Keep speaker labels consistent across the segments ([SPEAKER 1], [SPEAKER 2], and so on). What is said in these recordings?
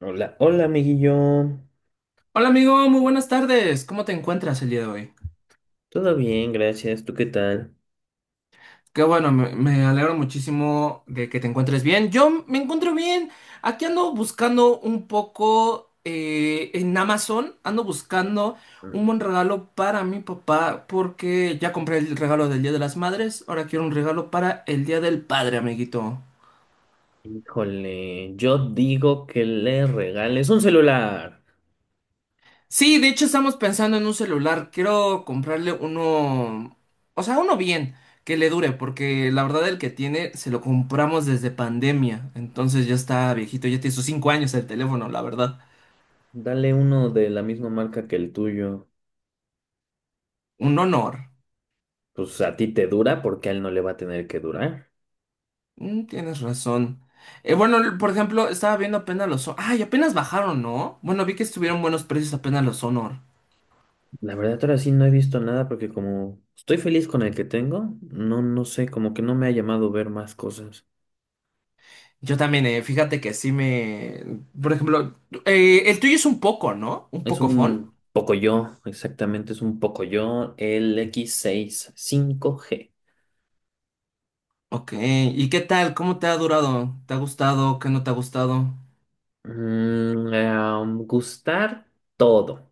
[SPEAKER 1] Hola, hola amiguillo.
[SPEAKER 2] Hola amigo, muy buenas tardes. ¿Cómo te encuentras el día de hoy?
[SPEAKER 1] Todo bien, gracias. ¿Tú qué tal?
[SPEAKER 2] Qué bueno, me alegro muchísimo de que te encuentres bien. Yo me encuentro bien. Aquí ando buscando un poco en Amazon, ando buscando un buen regalo para mi papá porque ya compré el regalo del Día de las Madres, ahora quiero un regalo para el Día del Padre, amiguito.
[SPEAKER 1] Híjole, yo digo que le regales un celular.
[SPEAKER 2] Sí, de hecho estamos pensando en un celular. Quiero comprarle uno, o sea, uno bien, que le dure, porque la verdad el que tiene se lo compramos desde pandemia. Entonces ya está viejito, ya tiene sus 5 años el teléfono, la verdad.
[SPEAKER 1] Dale uno de la misma marca que el tuyo.
[SPEAKER 2] Un honor.
[SPEAKER 1] Pues a ti te dura porque a él no le va a tener que durar.
[SPEAKER 2] Tienes razón. Bueno, por ejemplo, estaba viendo apenas los Ay, apenas bajaron, ¿no? Bueno, vi que estuvieron buenos precios apenas los Honor.
[SPEAKER 1] La verdad, ahora sí no he visto nada porque como estoy feliz con el que tengo, no, no sé, como que no me ha llamado ver más cosas.
[SPEAKER 2] Yo también, fíjate que sí me. Por ejemplo, el tuyo es un poco, ¿no? Un
[SPEAKER 1] Es
[SPEAKER 2] poco.
[SPEAKER 1] un poco yo, exactamente, es un poco yo, el X65G.
[SPEAKER 2] Ok, ¿y qué tal? ¿Cómo te ha durado? ¿Te ha gustado? ¿Qué no te ha gustado?
[SPEAKER 1] Gustar todo.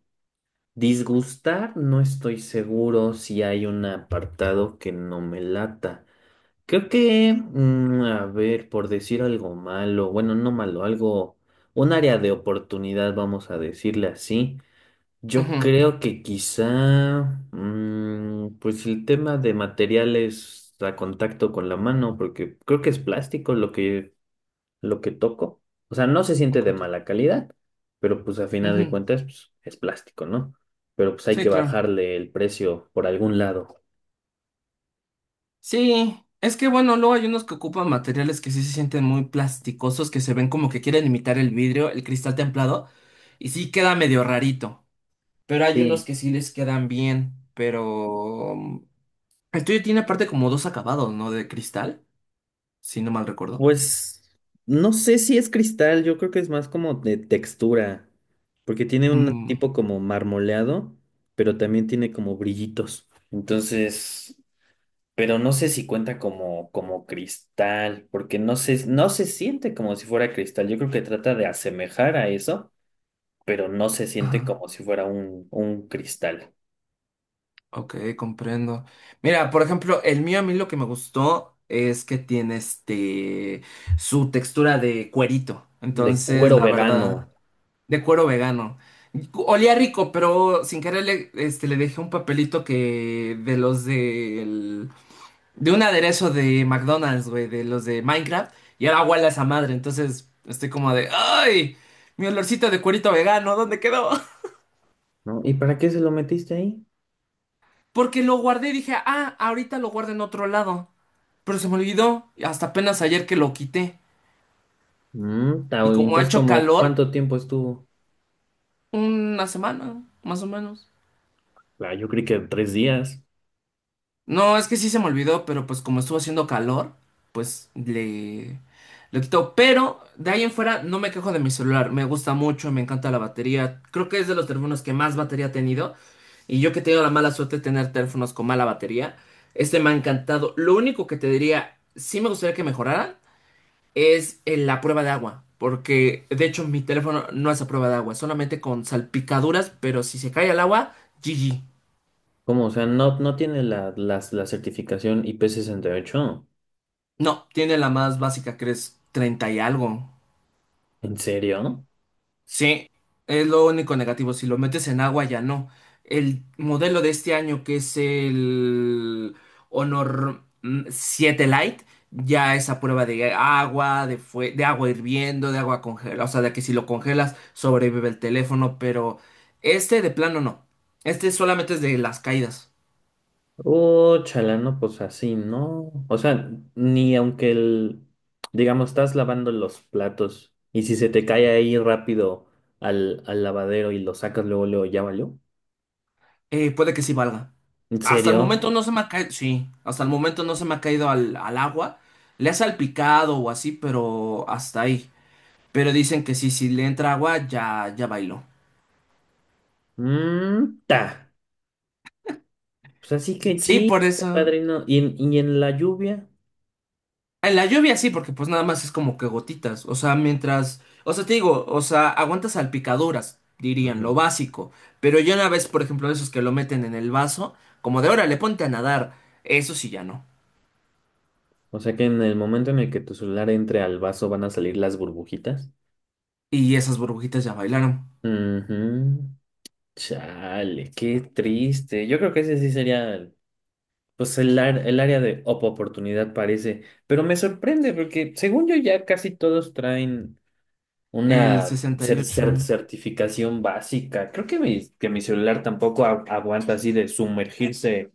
[SPEAKER 1] Disgustar, no estoy seguro si hay un apartado que no me lata. Creo que, a ver, por decir algo malo, bueno, no malo, algo, un área de oportunidad, vamos a decirle así.
[SPEAKER 2] Ujú.
[SPEAKER 1] Yo creo que quizá, pues el tema de materiales a contacto con la mano, porque creo que es plástico lo que toco. O sea, no se siente de
[SPEAKER 2] Ok, tú.
[SPEAKER 1] mala calidad, pero pues a final de
[SPEAKER 2] Ujú.
[SPEAKER 1] cuentas pues, es plástico, ¿no? Pero pues hay
[SPEAKER 2] Sí,
[SPEAKER 1] que
[SPEAKER 2] claro.
[SPEAKER 1] bajarle el precio por algún lado.
[SPEAKER 2] Sí, es que bueno, luego hay unos que ocupan materiales que sí se sienten muy plasticosos, que se ven como que quieren imitar el vidrio, el cristal templado, y sí queda medio rarito. Pero hay unos
[SPEAKER 1] Sí,
[SPEAKER 2] que sí les quedan bien, pero el tuyo tiene aparte como dos acabados, ¿no? De cristal, si no mal recuerdo.
[SPEAKER 1] pues no sé si es cristal, yo creo que es más como de textura, porque tiene un
[SPEAKER 2] Mm,
[SPEAKER 1] tipo como marmoleado, pero también tiene como brillitos. Entonces, pero no sé si cuenta como, como cristal, porque no se, no se siente como si fuera cristal. Yo creo que trata de asemejar a eso, pero no se siente
[SPEAKER 2] ajá.
[SPEAKER 1] como si fuera un cristal
[SPEAKER 2] Ok, comprendo. Mira, por ejemplo, el mío a mí lo que me gustó es que tiene este su textura de cuerito.
[SPEAKER 1] de
[SPEAKER 2] Entonces,
[SPEAKER 1] cuero
[SPEAKER 2] la
[SPEAKER 1] vegano,
[SPEAKER 2] verdad, de cuero vegano. Olía rico, pero sin querer le dejé un papelito que de de un aderezo de McDonald's, güey, de los de Minecraft, y era huele a esa madre. Entonces, estoy como de, ¡ay! Mi olorcito de cuerito vegano, ¿dónde quedó?
[SPEAKER 1] ¿no? ¿Y para qué se lo metiste ahí?
[SPEAKER 2] Porque lo guardé y dije, ah, ahorita lo guardo en otro lado, pero se me olvidó hasta apenas ayer que lo quité. Y
[SPEAKER 1] Y
[SPEAKER 2] como ha
[SPEAKER 1] entonces,
[SPEAKER 2] hecho
[SPEAKER 1] como,
[SPEAKER 2] calor,
[SPEAKER 1] ¿cuánto tiempo estuvo?
[SPEAKER 2] una semana, más o menos.
[SPEAKER 1] Ah, yo creí que 3 días.
[SPEAKER 2] No, es que sí se me olvidó, pero pues como estuvo haciendo calor, pues le lo quito. Pero de ahí en fuera no me quejo de mi celular. Me gusta mucho, me encanta la batería. Creo que es de los teléfonos que más batería ha tenido. Y yo que he tenido la mala suerte de tener teléfonos con mala batería, este me ha encantado. Lo único que te diría, sí me gustaría que mejorara, es en la prueba de agua, porque de hecho mi teléfono no es a prueba de agua, solamente con salpicaduras, pero si se cae al agua, GG.
[SPEAKER 1] ¿Cómo? O sea, no, no tiene la certificación IP68.
[SPEAKER 2] No, tiene la más básica que es 30 y algo.
[SPEAKER 1] ¿En serio?
[SPEAKER 2] Sí, es lo único negativo. Si lo metes en agua, ya no. El modelo de este año, que es el Honor 7 Lite, ya es a prueba de agua, de, de agua hirviendo, de agua congelada. O sea, de que si lo congelas, sobrevive el teléfono, pero este de plano no. Este solamente es de las caídas.
[SPEAKER 1] Oh, chala, no, pues así, ¿no? O sea, ni aunque el, digamos, estás lavando los platos y si se te cae ahí rápido al lavadero y lo sacas luego, luego, ya valió.
[SPEAKER 2] Puede que sí valga.
[SPEAKER 1] ¿En
[SPEAKER 2] Hasta el
[SPEAKER 1] serio?
[SPEAKER 2] momento no se me ha caído. Sí, hasta el momento no se me ha caído al agua. Le ha salpicado o así, pero hasta ahí. Pero dicen que sí, si le entra agua, ya, ya bailó.
[SPEAKER 1] Mm, ta. Pues así que
[SPEAKER 2] Sí,
[SPEAKER 1] chiste,
[SPEAKER 2] por eso.
[SPEAKER 1] padrino. ¿Y en la lluvia?
[SPEAKER 2] En la lluvia sí, porque pues nada más es como que gotitas. O sea, mientras. O sea, te digo, o sea, aguantas salpicaduras, dirían, lo
[SPEAKER 1] Ujú.
[SPEAKER 2] básico. Pero yo una vez, por ejemplo, esos que lo meten en el vaso, como de órale, ponte a nadar. Eso sí ya no.
[SPEAKER 1] O sea que en el momento en el que tu celular entre al vaso van a salir las burbujitas.
[SPEAKER 2] Y esas burbujitas ya bailaron.
[SPEAKER 1] Ujú. Chale, qué triste. Yo creo que ese sí sería, pues, el área de oportunidad parece. Pero me sorprende porque según yo ya casi todos traen
[SPEAKER 2] El
[SPEAKER 1] una
[SPEAKER 2] 68.
[SPEAKER 1] certificación básica. Creo que que mi celular tampoco aguanta así de sumergirse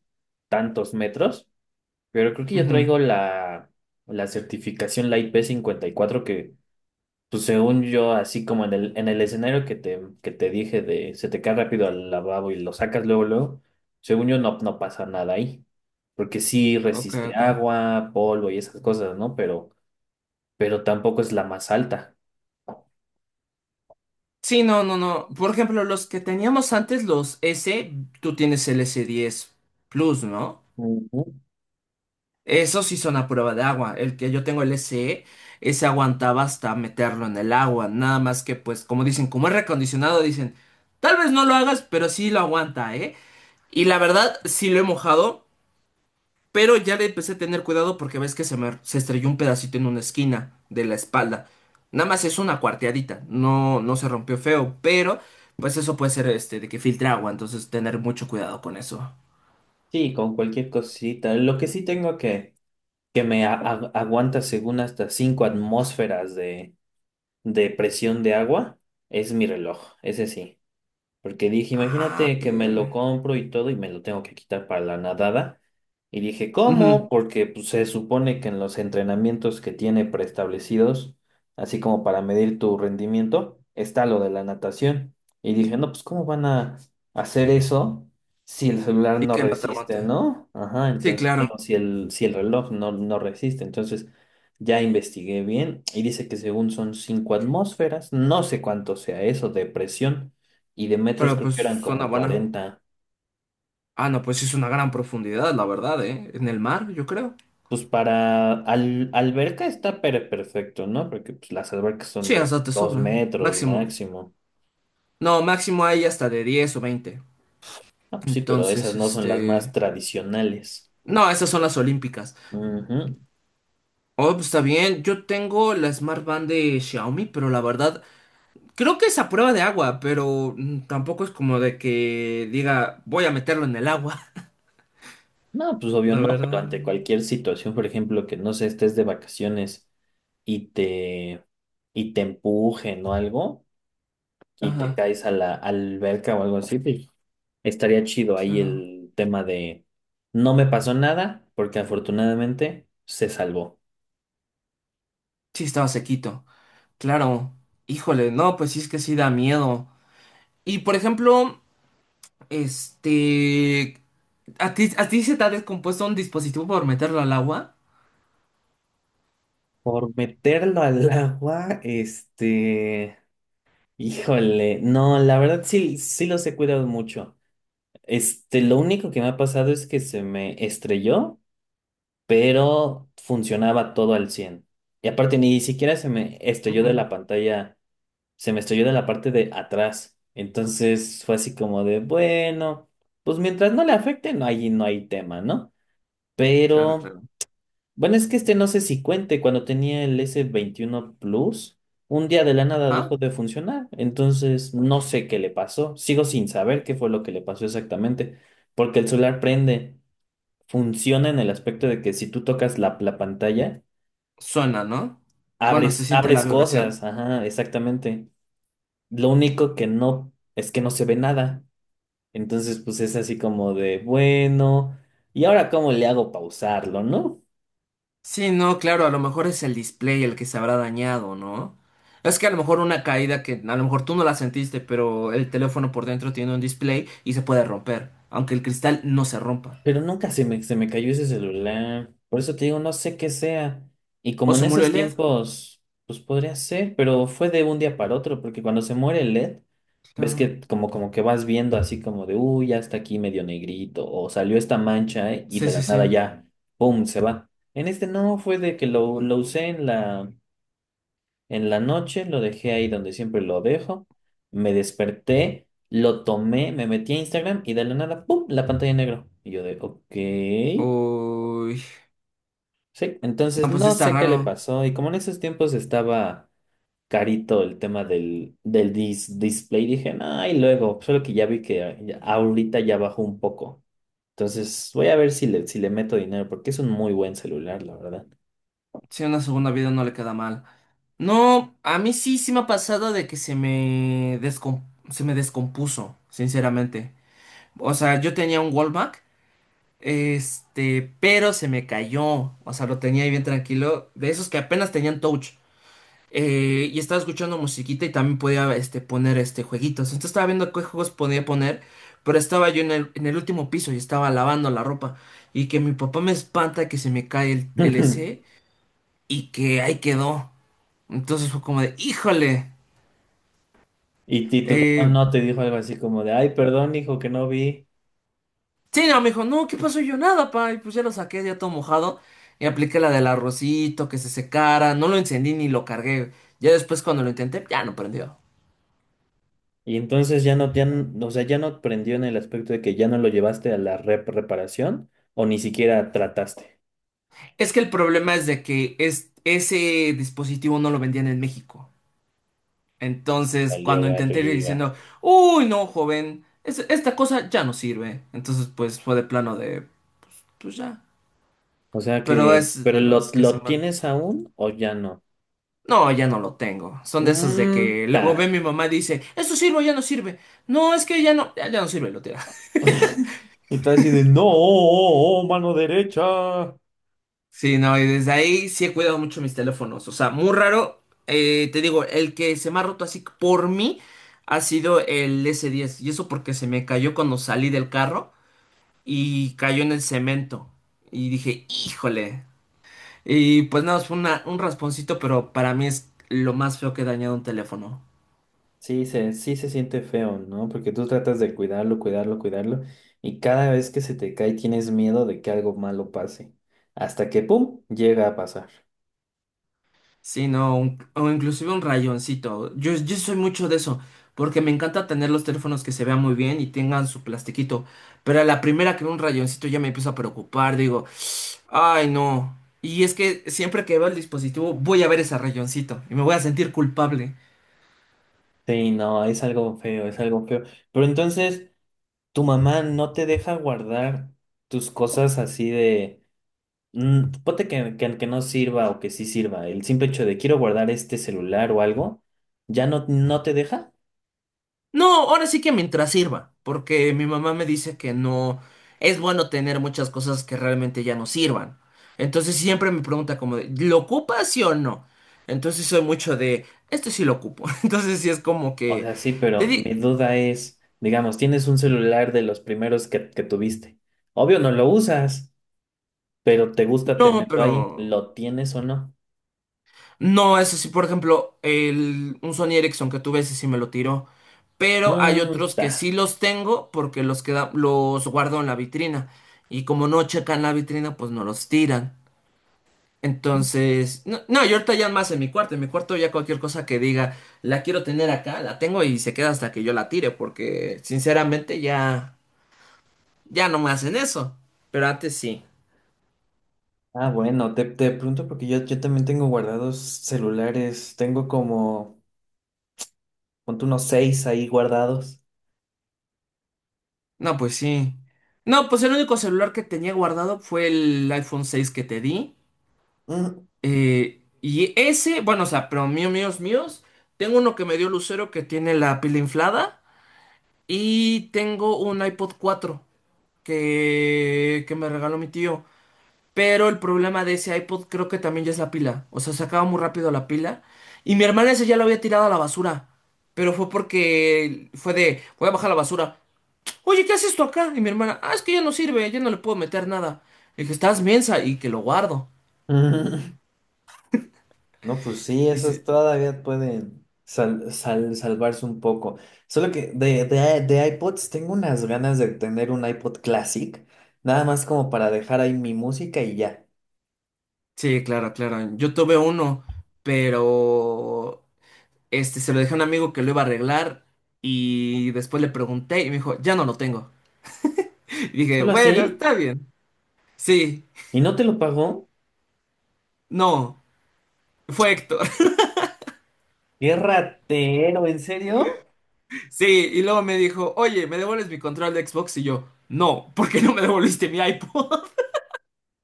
[SPEAKER 1] tantos metros, pero creo que yo
[SPEAKER 2] Ujú.
[SPEAKER 1] traigo la, la certificación, la IP54, que pues según yo, así como en el escenario que que te dije de se te cae rápido al lavabo y lo sacas luego, luego, según yo no, no pasa nada ahí. Porque sí
[SPEAKER 2] Ok,
[SPEAKER 1] resiste
[SPEAKER 2] ok.
[SPEAKER 1] agua, polvo y esas cosas, ¿no? Pero tampoco es la más alta.
[SPEAKER 2] Sí, no, no, no. Por ejemplo, los que teníamos antes, los S, tú tienes el S10 Plus, ¿no? Esos sí son a prueba de agua. El que yo tengo el SE, ese aguantaba hasta meterlo en el agua. Nada más que, pues, como dicen, como es recondicionado, dicen, tal vez no lo hagas, pero sí lo aguanta, ¿eh? Y la verdad, sí lo he mojado, pero ya le empecé a tener cuidado porque ves que se me se estrelló un pedacito en una esquina de la espalda. Nada más es una cuarteadita, no, no se rompió feo, pero pues eso puede ser este de que filtre agua, entonces tener mucho cuidado con eso.
[SPEAKER 1] Sí, con cualquier cosita. Lo que sí tengo que me aguanta según hasta 5 atmósferas de presión de agua es mi reloj, ese sí. Porque dije,
[SPEAKER 2] Ah,
[SPEAKER 1] imagínate que me
[SPEAKER 2] pero.
[SPEAKER 1] lo compro y todo y me lo tengo que quitar para la nadada. Y dije, ¿cómo? Porque pues, se supone que en los entrenamientos que tiene preestablecidos, así como para medir tu rendimiento, está lo de la natación. Y dije, no, pues ¿cómo van a hacer eso si el celular
[SPEAKER 2] Y
[SPEAKER 1] no
[SPEAKER 2] que no te
[SPEAKER 1] resiste,
[SPEAKER 2] aguante.
[SPEAKER 1] ¿no? Ajá,
[SPEAKER 2] Sí,
[SPEAKER 1] entonces
[SPEAKER 2] claro.
[SPEAKER 1] digo, si si el reloj no, no resiste. Entonces ya investigué bien y dice que según son 5 atmósferas, no sé cuánto sea eso de presión y de metros
[SPEAKER 2] Pero
[SPEAKER 1] creo
[SPEAKER 2] pues
[SPEAKER 1] que eran
[SPEAKER 2] suena
[SPEAKER 1] como
[SPEAKER 2] buena.
[SPEAKER 1] 40.
[SPEAKER 2] Ah, no, pues sí es una gran profundidad, la verdad, ¿eh? En el mar, yo creo.
[SPEAKER 1] Pues para alberca está perfecto, ¿no? Porque pues, las albercas son
[SPEAKER 2] Sí,
[SPEAKER 1] de
[SPEAKER 2] hasta te
[SPEAKER 1] dos
[SPEAKER 2] sobra.
[SPEAKER 1] metros
[SPEAKER 2] Máximo.
[SPEAKER 1] máximo.
[SPEAKER 2] No, máximo hay hasta de 10 o 20.
[SPEAKER 1] Ah, pues sí, pero esas
[SPEAKER 2] Entonces,
[SPEAKER 1] no son las más
[SPEAKER 2] este.
[SPEAKER 1] tradicionales.
[SPEAKER 2] No, esas son las olímpicas.
[SPEAKER 1] Ujú.
[SPEAKER 2] Oh, pues está bien. Yo tengo la Smart Band de Xiaomi, pero la verdad, creo que es a prueba de agua, pero tampoco es como de que diga, voy a meterlo en el agua.
[SPEAKER 1] No, pues obvio
[SPEAKER 2] La
[SPEAKER 1] no, pero ante
[SPEAKER 2] verdad.
[SPEAKER 1] cualquier situación, por ejemplo, que no sé, estés de vacaciones y te, y te empujen o algo y te
[SPEAKER 2] Ajá,
[SPEAKER 1] caes a la alberca o algo así, pues, estaría chido ahí
[SPEAKER 2] claro.
[SPEAKER 1] el tema de no me pasó nada porque afortunadamente se salvó.
[SPEAKER 2] Sí, estaba sequito. Claro. Híjole, no, pues sí es que sí da miedo. Y por ejemplo, este, ¿a ti, se te ha descompuesto un dispositivo por meterlo al agua?
[SPEAKER 1] Por meterlo al agua, este, híjole, no, la verdad sí, sí los he cuidado mucho. Este, lo único que me ha pasado es que se me estrelló, pero funcionaba todo al 100. Y aparte ni siquiera se me estrelló de
[SPEAKER 2] Ujú,
[SPEAKER 1] la pantalla, se me estrelló de la parte de atrás. Entonces fue así como de, bueno, pues mientras no le afecte, no hay, no hay tema, ¿no?
[SPEAKER 2] claro,
[SPEAKER 1] Pero,
[SPEAKER 2] claro.
[SPEAKER 1] bueno, es que este no sé si cuente, cuando tenía el S21 Plus, un día de la nada
[SPEAKER 2] Ah,
[SPEAKER 1] dejó de funcionar. Entonces no sé qué le pasó. Sigo sin saber qué fue lo que le pasó exactamente. Porque el celular prende, funciona en el aspecto de que si tú tocas la pantalla,
[SPEAKER 2] suena, ¿no? Bueno, se
[SPEAKER 1] abres,
[SPEAKER 2] siente la
[SPEAKER 1] abres
[SPEAKER 2] vibración.
[SPEAKER 1] cosas. Ajá, exactamente. Lo único que no es que no se ve nada. Entonces, pues es así como de, bueno, ¿y ahora cómo le hago pausarlo, no?
[SPEAKER 2] Sí, no, claro, a lo mejor es el display el que se habrá dañado, ¿no? Es que a lo mejor una caída que a lo mejor tú no la sentiste, pero el teléfono por dentro tiene un display y se puede romper, aunque el cristal no se rompa.
[SPEAKER 1] Pero nunca se me cayó ese celular. Por eso te digo, no sé qué sea. Y
[SPEAKER 2] O
[SPEAKER 1] como en
[SPEAKER 2] se murió
[SPEAKER 1] esos
[SPEAKER 2] el LED.
[SPEAKER 1] tiempos, pues podría ser, pero fue de un día para otro, porque cuando se muere el LED, ves
[SPEAKER 2] Claro.
[SPEAKER 1] que como, como que vas viendo así como de, uy, ya está aquí medio negrito, o salió esta mancha y
[SPEAKER 2] Sí,
[SPEAKER 1] de
[SPEAKER 2] sí,
[SPEAKER 1] la
[SPEAKER 2] sí.
[SPEAKER 1] nada ya, ¡pum!, se va. En este no, fue de que lo usé en la. En la noche lo dejé ahí donde siempre lo dejo. Me desperté, lo tomé, me metí a Instagram y de la nada, ¡pum! La pantalla en negro. Y yo de, ok.
[SPEAKER 2] Uy.
[SPEAKER 1] Sí, entonces
[SPEAKER 2] No, pues sí
[SPEAKER 1] no
[SPEAKER 2] está
[SPEAKER 1] sé qué le
[SPEAKER 2] raro.
[SPEAKER 1] pasó. Y como en esos tiempos estaba carito el tema del display, dije, nah, y luego, solo que ya vi que ahorita ya bajó un poco. Entonces voy a ver si le, si le meto dinero, porque es un muy buen celular, la verdad.
[SPEAKER 2] Si una segunda vida no le queda mal. No, a mí sí, sí me ha pasado de que se me, se me descompuso, sinceramente. O sea, yo tenía un Wallback, este, pero se me cayó. O sea, lo tenía ahí bien tranquilo, de esos que apenas tenían touch. Y estaba escuchando musiquita y también podía este, poner este, jueguitos. Entonces estaba viendo qué juegos podía poner, pero estaba yo en el último piso y estaba lavando la ropa. Y que mi papá me espanta que se me cae el y que ahí quedó. Entonces fue como de, híjole.
[SPEAKER 1] Y, ti tu papá
[SPEAKER 2] Eh,
[SPEAKER 1] no te dijo algo así como de, ay, perdón, hijo, que no vi.
[SPEAKER 2] sí, no, me dijo, no, ¿qué pasó? Y yo nada, pa. Y pues ya lo saqué, ya todo mojado. Y apliqué la del arrocito, que se secara. No lo encendí ni lo cargué. Ya después cuando lo intenté, ya no prendió.
[SPEAKER 1] Y entonces ya no, ya, o sea, ya no prendió en el aspecto de que ya no lo llevaste a la reparación o ni siquiera trataste.
[SPEAKER 2] Es que el problema es de que es, ese dispositivo no lo vendían en México. Entonces, cuando
[SPEAKER 1] Salió
[SPEAKER 2] intenté ir
[SPEAKER 1] arriba.
[SPEAKER 2] diciendo, uy, no, joven, esta cosa ya no sirve. Entonces, pues fue de plano de, pues ya.
[SPEAKER 1] O sea
[SPEAKER 2] Pero
[SPEAKER 1] que,
[SPEAKER 2] es
[SPEAKER 1] pero
[SPEAKER 2] de
[SPEAKER 1] lo,
[SPEAKER 2] los que se
[SPEAKER 1] lo
[SPEAKER 2] mandan.
[SPEAKER 1] tienes aún o ya no.
[SPEAKER 2] No, ya no lo tengo. Son de esos de
[SPEAKER 1] Mm,
[SPEAKER 2] que luego ve
[SPEAKER 1] ta.
[SPEAKER 2] mi mamá y dice, eso sirve, o ya no sirve. No, es que ya no, ya, ya no sirve, lo tira.
[SPEAKER 1] Y tú así de, no, oh, oh, oh, mano derecha.
[SPEAKER 2] Sí, no, y desde ahí sí he cuidado mucho mis teléfonos. O sea, muy raro. Te digo, el que se me ha roto así por mí ha sido el S10. Y eso porque se me cayó cuando salí del carro y cayó en el cemento. Y dije, híjole. Y pues nada, fue un rasponcito, pero para mí es lo más feo que he dañado un teléfono.
[SPEAKER 1] Sí se siente feo, ¿no? Porque tú tratas de cuidarlo, cuidarlo, cuidarlo. Y cada vez que se te cae tienes miedo de que algo malo pase. Hasta que, ¡pum!, llega a pasar.
[SPEAKER 2] Sí, no, o inclusive un rayoncito. Yo soy mucho de eso, porque me encanta tener los teléfonos que se vean muy bien y tengan su plastiquito. Pero a la primera que veo un rayoncito ya me empiezo a preocupar, digo, ay no. Y es que siempre que veo el dispositivo voy a ver ese rayoncito y me voy a sentir culpable.
[SPEAKER 1] Sí, no, es algo feo, es algo feo. Pero entonces, tu mamá no te deja guardar tus cosas así de, ponte que no sirva o que sí sirva. El simple hecho de quiero guardar este celular o algo, ¿ya no, no te deja?
[SPEAKER 2] No, ahora sí que mientras sirva, porque mi mamá me dice que no es bueno tener muchas cosas que realmente ya no sirvan. Entonces siempre me pregunta como de, ¿lo ocupas sí o no? Entonces soy mucho de, esto sí lo ocupo. Entonces sí es como
[SPEAKER 1] O
[SPEAKER 2] que
[SPEAKER 1] sea, sí,
[SPEAKER 2] te
[SPEAKER 1] pero
[SPEAKER 2] di,
[SPEAKER 1] mi duda es, digamos, tienes un celular de los primeros que tuviste. Obvio no lo usas, pero te gusta
[SPEAKER 2] no,
[SPEAKER 1] tenerlo ahí.
[SPEAKER 2] pero
[SPEAKER 1] ¿Lo tienes o no?
[SPEAKER 2] no, eso sí, por ejemplo, el, un Sony Ericsson que tuve, ese sí me lo tiró. Pero hay
[SPEAKER 1] Mm,
[SPEAKER 2] otros que
[SPEAKER 1] ta.
[SPEAKER 2] sí los tengo porque los queda, los guardo en la vitrina. Y como no checan la vitrina, pues no los tiran. Entonces, no, no, yo ahorita ya más en mi cuarto ya cualquier cosa que diga, la quiero tener acá, la tengo y se queda hasta que yo la tire, porque sinceramente ya, ya no me hacen eso, pero antes sí.
[SPEAKER 1] Ah, bueno, te pregunto porque yo también tengo guardados celulares, tengo como, ponte unos seis ahí guardados.
[SPEAKER 2] No, pues sí. No, pues el único celular que tenía guardado fue el iPhone 6 que te di.
[SPEAKER 1] Mm,
[SPEAKER 2] eh, y ese, bueno, o sea, pero mío, míos, míos, tengo uno que me dio Lucero que tiene la pila inflada y tengo un iPod 4 que me regaló mi tío. Pero el problema de ese iPod creo que también ya es la pila. O sea, se acaba muy rápido la pila. Y mi hermana ese ya lo había tirado a la basura. Pero fue porque fue de, voy a bajar la basura. Oye, ¿qué haces esto acá? Y mi hermana, ah, es que ya no sirve, ya no le puedo meter nada. Le dije, estás mensa y que lo guardo.
[SPEAKER 1] mm. No, pues sí,
[SPEAKER 2] Y
[SPEAKER 1] esos
[SPEAKER 2] sí,
[SPEAKER 1] todavía pueden salvarse un poco. Solo que de iPods tengo unas ganas de tener un iPod Classic, nada más como para dejar ahí mi música y ya.
[SPEAKER 2] sí, claro, claro. Yo tuve uno, pero este se lo dejé a un amigo que lo iba a arreglar. Y después le pregunté y me dijo, ya no lo tengo. Y dije,
[SPEAKER 1] ¿Solo
[SPEAKER 2] bueno,
[SPEAKER 1] así?
[SPEAKER 2] está bien. Sí,
[SPEAKER 1] ¿Y no te lo pagó?
[SPEAKER 2] no, fue Héctor.
[SPEAKER 1] ¡Qué ratero! ¿En serio?
[SPEAKER 2] Sí, y luego me dijo, oye, ¿me devuelves mi control de Xbox? Y yo, no, ¿por qué no me devolviste mi iPod?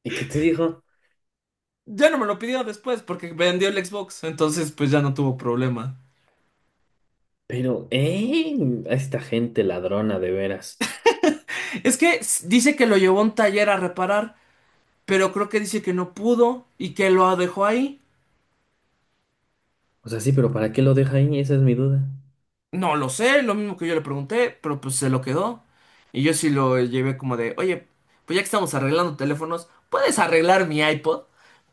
[SPEAKER 1] ¿Y qué te dijo?
[SPEAKER 2] Ya no me lo pidió después porque vendió el Xbox, entonces pues ya no tuvo problema.
[SPEAKER 1] Pero, ¿eh? A esta gente ladrona, de veras.
[SPEAKER 2] Es que dice que lo llevó a un taller a reparar, pero creo que dice que no pudo y que lo dejó ahí.
[SPEAKER 1] O sea, sí, pero ¿para qué lo deja ahí? Esa es mi duda.
[SPEAKER 2] No lo sé, lo mismo que yo le pregunté, pero pues se lo quedó. Y yo sí lo llevé como de, oye, pues ya que estamos arreglando teléfonos, ¿puedes arreglar mi iPod?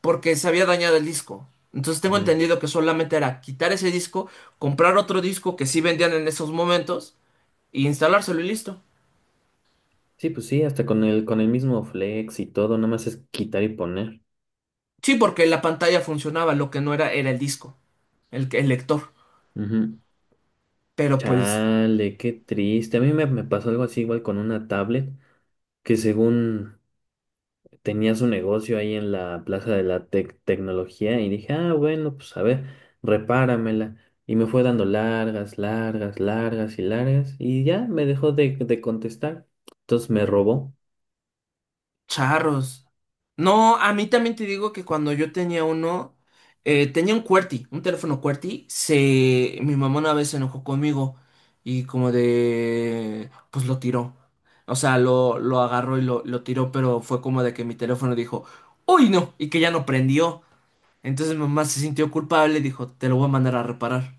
[SPEAKER 2] Porque se había dañado el disco. Entonces tengo
[SPEAKER 1] Ujú.
[SPEAKER 2] entendido que solamente era quitar ese disco, comprar otro disco que sí vendían en esos momentos y instalárselo y listo.
[SPEAKER 1] Sí, pues sí, hasta con el mismo flex y todo, nada más es quitar y poner.
[SPEAKER 2] Sí, porque la pantalla funcionaba, lo que no era era el disco, el lector.
[SPEAKER 1] Ujú.
[SPEAKER 2] Pero pues
[SPEAKER 1] Chale, qué triste. A mí me pasó algo así igual con una tablet que según tenía su negocio ahí en la Plaza de la Tecnología y dije, ah, bueno, pues a ver, repáramela. Y me fue dando largas, largas, largas y largas y ya me dejó de contestar. Entonces me robó.
[SPEAKER 2] charros. No, a mí también te digo que cuando yo tenía uno, tenía un QWERTY, un teléfono QWERTY, mi mamá una vez se enojó conmigo y como de, pues lo tiró. O sea, lo agarró y lo tiró, pero fue como de que mi teléfono dijo, uy, no, y que ya no prendió. Entonces mi mamá se sintió culpable y dijo, te lo voy a mandar a reparar.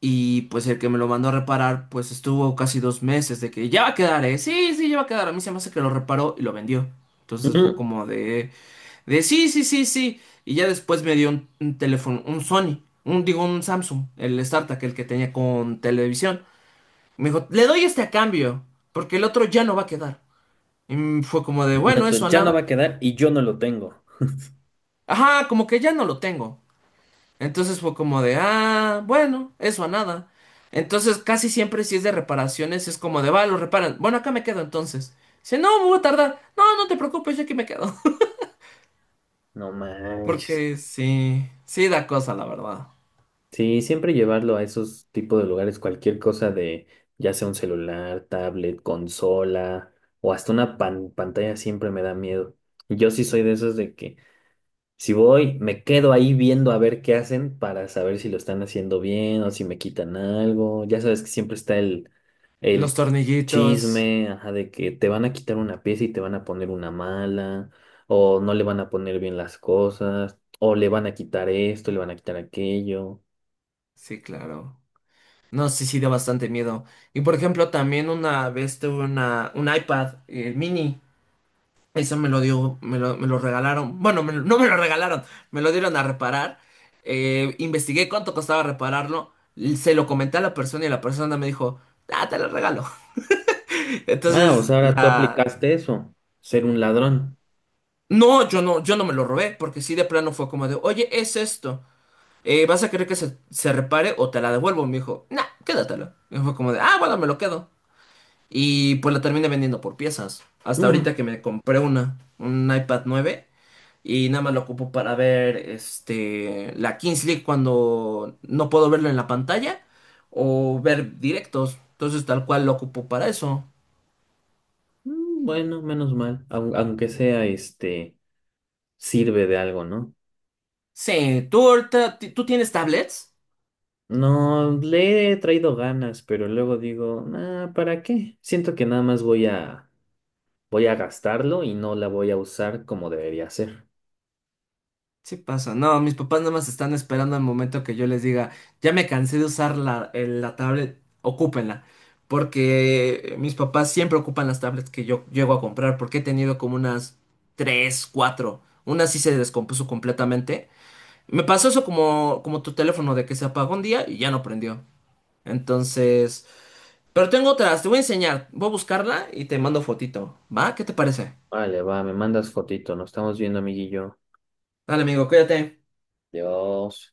[SPEAKER 2] Y pues el que me lo mandó a reparar, pues estuvo casi 2 meses de que ya va a quedar, ¿eh? Sí, sí, ya va a quedar. A mí se me hace que lo reparó y lo vendió. Entonces fue
[SPEAKER 1] Ujú.
[SPEAKER 2] como de sí, sí, sí, sí. Y ya después me dio un teléfono, un Sony, un, digo, un Samsung, el startup, el que tenía con televisión. Me dijo, le doy este a cambio, porque el otro ya no va a quedar. Y fue como de, bueno,
[SPEAKER 1] Entonces,
[SPEAKER 2] eso a
[SPEAKER 1] ya no va
[SPEAKER 2] nada.
[SPEAKER 1] a quedar y yo no lo tengo.
[SPEAKER 2] Ajá, como que ya no lo tengo. Entonces fue como de, ah, bueno, eso a nada. Entonces casi siempre si es de reparaciones es como de, va, lo reparan. Bueno, acá me quedo entonces. Dice, no, me voy a tardar. No, no te preocupes, yo aquí me quedo.
[SPEAKER 1] No manches.
[SPEAKER 2] Porque sí, sí da cosa, la verdad.
[SPEAKER 1] Sí, siempre llevarlo a esos tipos de lugares, cualquier cosa de, ya sea un celular, tablet, consola o hasta una pantalla siempre me da miedo. Y yo sí soy de esos de que si voy, me quedo ahí viendo a ver qué hacen para saber si lo están haciendo bien o si me quitan algo. Ya sabes que siempre está
[SPEAKER 2] Los
[SPEAKER 1] el
[SPEAKER 2] tornillitos,
[SPEAKER 1] chisme, ajá, de que te van a quitar una pieza y te van a poner una mala, o no le van a poner bien las cosas, o le van a quitar esto, le van a quitar aquello.
[SPEAKER 2] sí, claro. No, sí, sí da bastante miedo. Y por ejemplo, también una vez tuve una, un iPad mini. Eso me lo dio, me lo regalaron. Bueno, no me lo regalaron, me lo dieron a reparar. Investigué cuánto costaba repararlo. Se lo comenté a la persona y la persona me dijo, ah, te lo regalo.
[SPEAKER 1] Ah, o
[SPEAKER 2] Entonces,
[SPEAKER 1] sea, ahora tú aplicaste eso, ser un ladrón.
[SPEAKER 2] no, yo no me lo robé, porque sí de plano fue como de, oye, es esto. ¿Vas a querer que se repare o te la devuelvo? Me dijo, nah, quédatelo. Y fue como de, ah, bueno, me lo quedo. Y pues la terminé vendiendo por piezas. Hasta ahorita
[SPEAKER 1] Mm.
[SPEAKER 2] que me compré una, un iPad 9. Y nada más lo ocupo para ver este, la Kings League cuando no puedo verlo en la pantalla o ver directos. Entonces, tal cual lo ocupo para eso.
[SPEAKER 1] Bueno, menos mal, aunque sea este, sirve de algo, ¿no?
[SPEAKER 2] Sí, ¿tú ahorita, tú tienes tablets?
[SPEAKER 1] No, le he traído ganas, pero luego digo, "Ah, ¿para qué? Siento que nada más voy a gastarlo y no la voy a usar como debería ser".
[SPEAKER 2] Sí pasa, no, mis papás nada más están esperando el momento que yo les diga, ya me cansé de usar la tablet, ocúpenla. Porque mis papás siempre ocupan las tablets que yo llego a comprar, porque he tenido como unas tres, cuatro. Una sí se descompuso completamente. Me pasó eso como tu teléfono de que se apagó un día y ya no prendió. Entonces, pero tengo otras, te voy a enseñar. Voy a buscarla y te mando fotito. ¿Va? ¿Qué te parece?
[SPEAKER 1] Vale, va, me mandas fotito, nos estamos viendo, amiguillo.
[SPEAKER 2] Dale, amigo, cuídate.
[SPEAKER 1] Dios.